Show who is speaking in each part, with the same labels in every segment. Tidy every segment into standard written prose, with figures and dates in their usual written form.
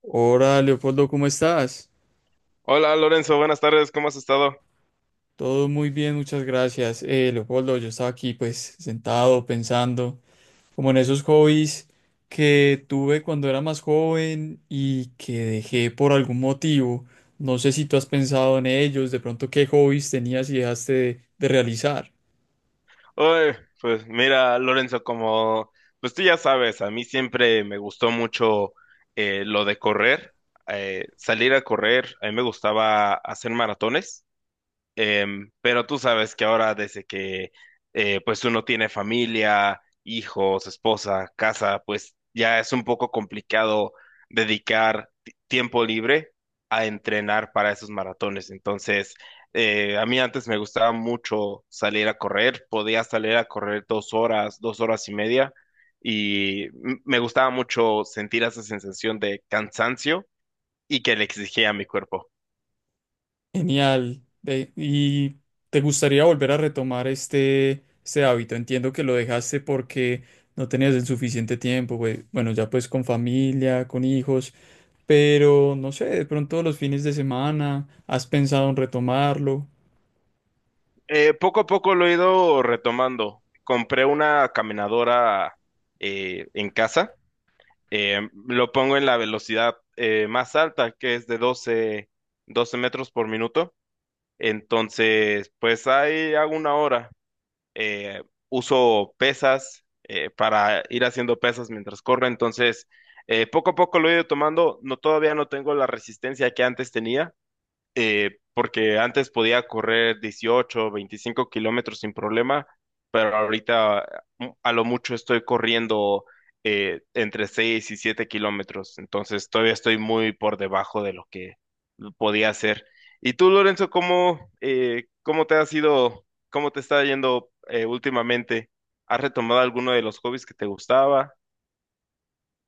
Speaker 1: Hola, Leopoldo, ¿cómo estás?
Speaker 2: Hola Lorenzo, buenas tardes, ¿cómo has estado?
Speaker 1: Todo muy bien, muchas gracias. Leopoldo, yo estaba aquí pues sentado pensando como en esos hobbies que tuve cuando era más joven y que dejé por algún motivo. No sé si tú has pensado en ellos, de pronto qué hobbies tenías y dejaste de realizar.
Speaker 2: Oye, pues mira Lorenzo, como pues tú ya sabes, a mí siempre me gustó mucho lo de correr, salir a correr, a mí me gustaba hacer maratones. Pero tú sabes que ahora desde que pues uno tiene familia, hijos, esposa, casa, pues ya es un poco complicado dedicar tiempo libre a entrenar para esos maratones. Entonces, a mí antes me gustaba mucho salir a correr, podía salir a correr 2 horas, 2 horas y media, y me gustaba mucho sentir esa sensación de cansancio y que le exigía a mi cuerpo.
Speaker 1: Genial. Ve, ¿y te gustaría volver a retomar este hábito? Entiendo que lo dejaste porque no tenías el suficiente tiempo, güey. Bueno, ya pues con familia, con hijos, pero no sé, de pronto los fines de semana, ¿has pensado en retomarlo?
Speaker 2: Poco a poco lo he ido retomando. Compré una caminadora en casa. Lo pongo en la velocidad más alta, que es de doce metros por minuto. Entonces, pues ahí hago 1 hora. Eh, uso pesas para ir haciendo pesas mientras corro. Entonces, poco a poco lo he ido tomando. No, todavía no tengo la resistencia que antes tenía porque antes podía correr 18 25 km sin problema, pero ahorita a lo mucho estoy corriendo entre 6 y 7 km, entonces todavía estoy muy por debajo de lo que podía hacer. ¿Y tú, Lorenzo, cómo, cómo te ha sido cómo te está yendo últimamente? ¿Has retomado alguno de los hobbies que te gustaba?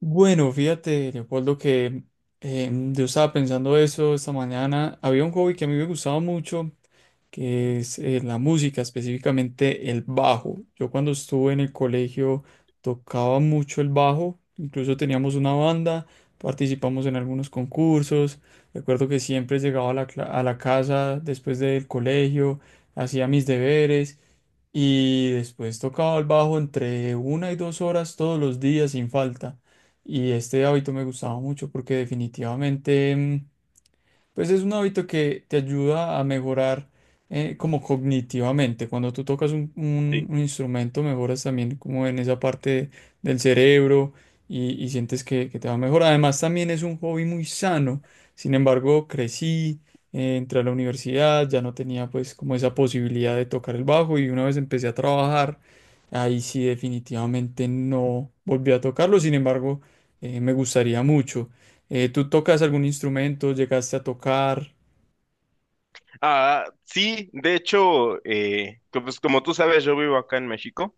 Speaker 1: Bueno, fíjate, Leopoldo, que yo estaba pensando eso esta mañana. Había un hobby que a mí me gustaba mucho que es la música, específicamente el bajo. Yo cuando estuve en el colegio tocaba mucho el bajo, incluso teníamos una banda, participamos en algunos concursos. Recuerdo que siempre llegaba a a la casa después del colegio, hacía mis deberes y después tocaba el bajo entre 1 y 2 horas todos los días sin falta. Y este hábito me gustaba mucho porque pues es un hábito que te ayuda a mejorar como cognitivamente. Cuando tú tocas
Speaker 2: Sí.
Speaker 1: un instrumento, mejoras también como en esa parte del cerebro y sientes que te va a mejorar. Además, también es un hobby muy sano. Sin embargo, crecí, entré a la universidad, ya no tenía pues como esa posibilidad de tocar el bajo y una vez empecé a trabajar, ahí sí definitivamente no volví a tocarlo. Sin embargo, me gustaría mucho. ¿Tú tocas algún instrumento? ¿Llegaste a tocar?
Speaker 2: Ah, sí, de hecho, pues como tú sabes, yo vivo acá en México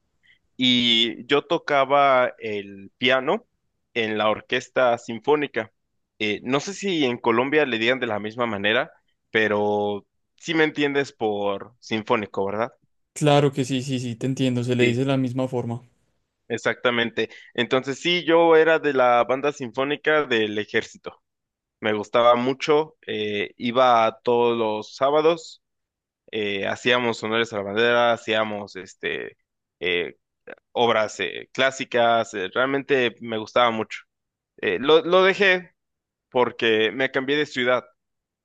Speaker 2: y yo tocaba el piano en la orquesta sinfónica. No sé si en Colombia le digan de la misma manera, pero sí me entiendes por sinfónico, ¿verdad?
Speaker 1: Claro que sí, sí, sí, te entiendo, se le dice
Speaker 2: Sí,
Speaker 1: de la misma forma.
Speaker 2: exactamente. Entonces sí, yo era de la banda sinfónica del ejército. Me gustaba mucho, iba a todos los sábados, hacíamos honores a la bandera, hacíamos eh, obras clásicas. Realmente me gustaba mucho. Lo dejé porque me cambié de ciudad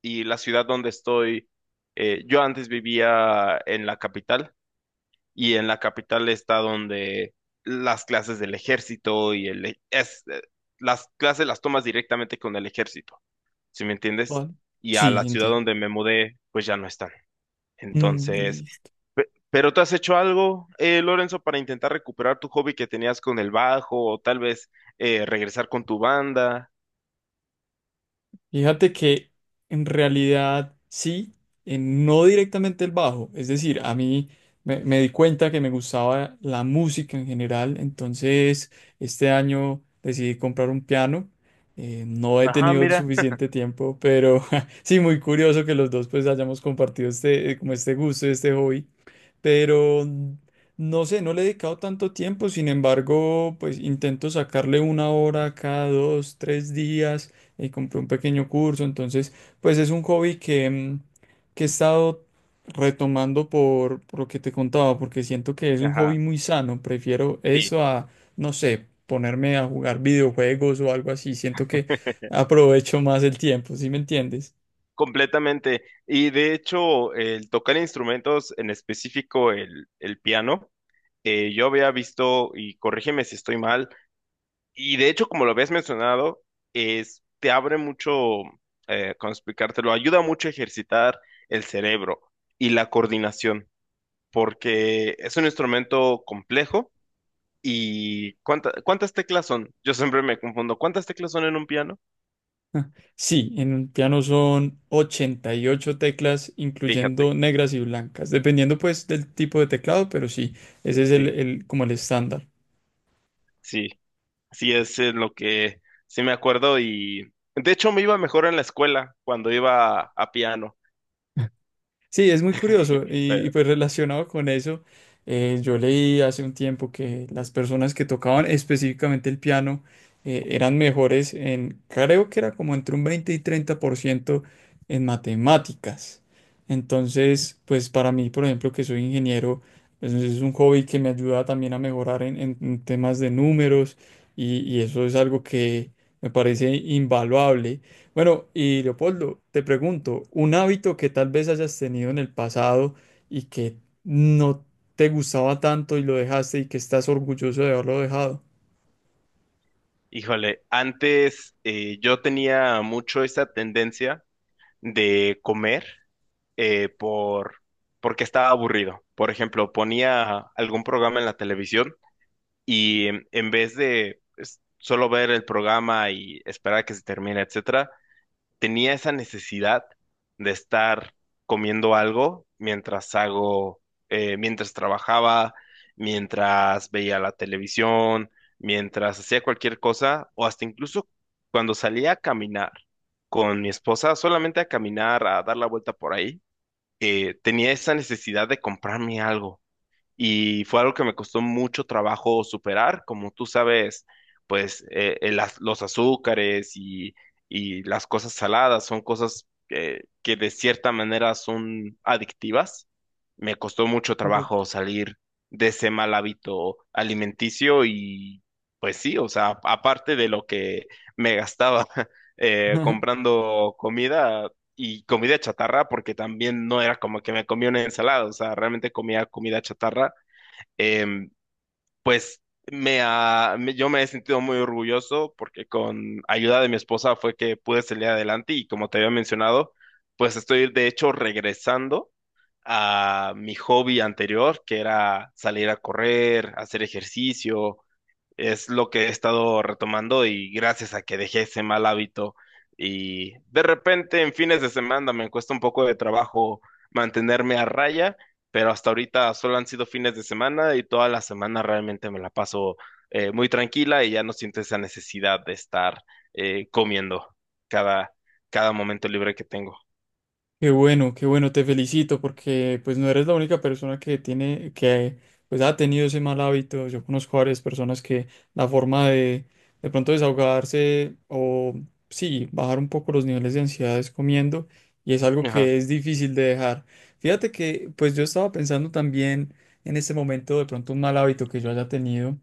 Speaker 2: y la ciudad donde estoy, yo antes vivía en la capital y en la capital está donde las clases del ejército las clases las tomas directamente con el ejército, ¿sí me entiendes?
Speaker 1: Vale.
Speaker 2: Y a la
Speaker 1: Sí,
Speaker 2: ciudad
Speaker 1: entiendo.
Speaker 2: donde me mudé, pues ya no están.
Speaker 1: Mm,
Speaker 2: Entonces,
Speaker 1: listo.
Speaker 2: ¿pero tú has hecho algo, Lorenzo, para intentar recuperar tu hobby que tenías con el bajo o tal vez regresar con tu banda?
Speaker 1: Fíjate que en realidad sí, no directamente el bajo, es decir, a mí me di cuenta que me gustaba la música en general, entonces este año decidí comprar un piano. No he
Speaker 2: Ajá,
Speaker 1: tenido
Speaker 2: mira.
Speaker 1: suficiente tiempo, pero sí, muy curioso que los dos pues hayamos compartido este, como este gusto, este hobby. Pero no sé, no le he dedicado tanto tiempo, sin embargo, pues intento sacarle una hora cada 2, 3 días, y compré un pequeño curso, entonces, pues es un hobby que que he estado retomando por lo que te contaba, porque siento que es un hobby
Speaker 2: Ajá,
Speaker 1: muy sano, prefiero
Speaker 2: sí,
Speaker 1: eso a, no sé, ponerme a jugar videojuegos o algo así, siento que aprovecho más el tiempo, ¿sí me entiendes?
Speaker 2: completamente. Y de hecho, el tocar instrumentos, en específico el piano, yo había visto, y corrígeme si estoy mal, y de hecho, como lo habías mencionado, es, te abre mucho, ¿cómo explicártelo? Ayuda mucho a ejercitar el cerebro y la coordinación, porque es un instrumento complejo. ¿Y cuántas teclas son? Yo siempre me confundo. ¿Cuántas teclas son en un piano?
Speaker 1: Ah, sí, en un piano son 88 teclas,
Speaker 2: Fíjate,
Speaker 1: incluyendo negras y blancas, dependiendo pues del tipo de teclado, pero sí, ese es
Speaker 2: sí,
Speaker 1: como el estándar.
Speaker 2: sí. Sí, es en lo que sí me acuerdo y de hecho me iba mejor en la escuela cuando iba a piano.
Speaker 1: Sí, es muy curioso
Speaker 2: Pero,
Speaker 1: pues relacionado con eso, yo leí hace un tiempo que las personas que tocaban específicamente el piano eran mejores en, creo que era como entre un 20 y 30 por ciento en matemáticas. Entonces, pues para mí, por ejemplo, que soy ingeniero, pues, es un hobby que me ayuda también a mejorar en temas de números y eso es algo que me parece invaluable. Bueno, y Leopoldo, te pregunto, un hábito que tal vez hayas tenido en el pasado y que no te gustaba tanto y lo dejaste y que estás orgulloso de haberlo dejado.
Speaker 2: híjole, antes yo tenía mucho esa tendencia de comer eh, por porque estaba aburrido. Por ejemplo, ponía algún programa en la televisión y en vez de pues, solo ver el programa y esperar a que se termine, etcétera, tenía esa necesidad de estar comiendo algo mientras hago, mientras trabajaba, mientras veía la televisión, mientras hacía cualquier cosa, o hasta incluso cuando salía a caminar con mi esposa, solamente a caminar, a dar la vuelta por ahí, tenía esa necesidad de comprarme algo y fue algo que me costó mucho trabajo superar, como tú sabes, pues los azúcares y las cosas saladas son cosas que de cierta manera son adictivas. Me costó mucho
Speaker 1: Correcto.
Speaker 2: trabajo salir de ese mal hábito alimenticio y pues sí, o sea, aparte de lo que me gastaba comprando comida, y comida chatarra, porque también no era como que me comía una ensalada, o sea, realmente comía comida chatarra. em, pues yo me he sentido muy orgulloso porque con ayuda de mi esposa fue que pude salir adelante y, como te había mencionado, pues estoy de hecho regresando a mi hobby anterior, que era salir a correr, hacer ejercicio. Es lo que he estado retomando y gracias a que dejé ese mal hábito. Y de repente en fines de semana me cuesta un poco de trabajo mantenerme a raya, pero hasta ahorita solo han sido fines de semana y toda la semana realmente me la paso muy tranquila y ya no siento esa necesidad de estar comiendo cada, cada momento libre que tengo.
Speaker 1: Qué bueno, te felicito porque pues no eres la única persona que tiene, que pues ha tenido ese mal hábito. Yo conozco varias personas que la forma de pronto desahogarse o sí, bajar un poco los niveles de ansiedad es comiendo y es algo
Speaker 2: Ajá,
Speaker 1: que es difícil de dejar. Fíjate que pues yo estaba pensando también en este momento de pronto un mal hábito que yo haya tenido.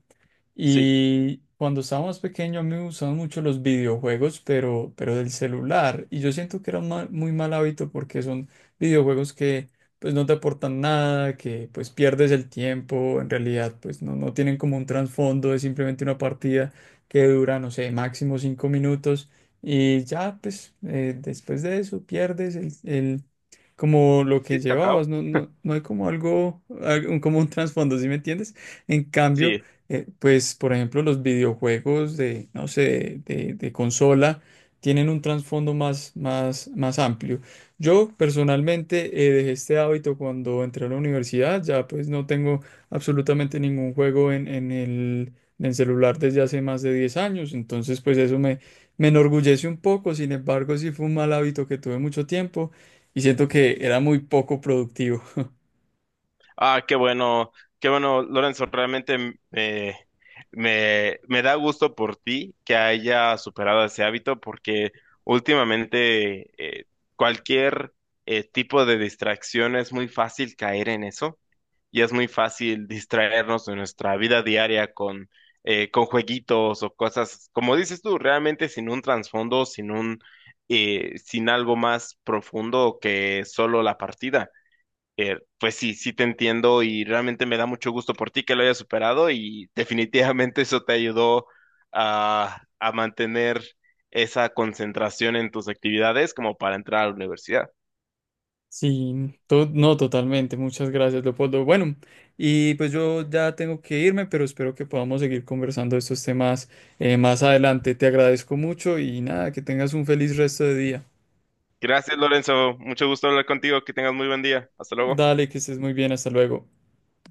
Speaker 2: sí,
Speaker 1: Y cuando estaba más pequeño a mí me gustaban mucho los videojuegos, pero del celular. Y yo siento que era un muy mal hábito porque son videojuegos que pues no te aportan nada, que pues pierdes el tiempo, en realidad pues no, no tienen como un trasfondo, es simplemente una partida que dura, no sé, máximo 5 minutos. Y ya pues después de eso pierdes como lo
Speaker 2: sí,
Speaker 1: que
Speaker 2: se acaba.
Speaker 1: llevabas, no, no, no hay como algo, como un trasfondo, ¿sí me entiendes? En cambio
Speaker 2: Sí,
Speaker 1: pues, por ejemplo, los videojuegos de, no sé, de consola tienen un trasfondo más, más, más amplio. Yo personalmente dejé este hábito cuando entré a la universidad, ya pues no tengo absolutamente ningún juego en el celular desde hace más de 10 años, entonces pues eso me enorgullece un poco, sin embargo sí fue un mal hábito que tuve mucho tiempo y siento que era muy poco productivo.
Speaker 2: ah, qué bueno, Lorenzo, realmente me da gusto por ti que haya superado ese hábito porque últimamente eh, cualquier tipo de distracción es muy fácil caer en eso y es muy fácil distraernos de nuestra vida diaria con jueguitos o cosas, como dices tú, realmente sin un trasfondo, sin algo más profundo que solo la partida. Pues sí, sí te entiendo y realmente me da mucho gusto por ti que lo hayas superado y definitivamente eso te ayudó a mantener esa concentración en tus actividades como para entrar a la universidad.
Speaker 1: Sí, no, totalmente. Muchas gracias, Leopoldo. Bueno, y pues yo ya tengo que irme, pero espero que podamos seguir conversando de estos temas más adelante. Te agradezco mucho y nada, que tengas un feliz resto de día.
Speaker 2: Gracias, Lorenzo. Mucho gusto hablar contigo. Que tengas muy buen día. Hasta luego.
Speaker 1: Dale, que estés muy bien. Hasta luego.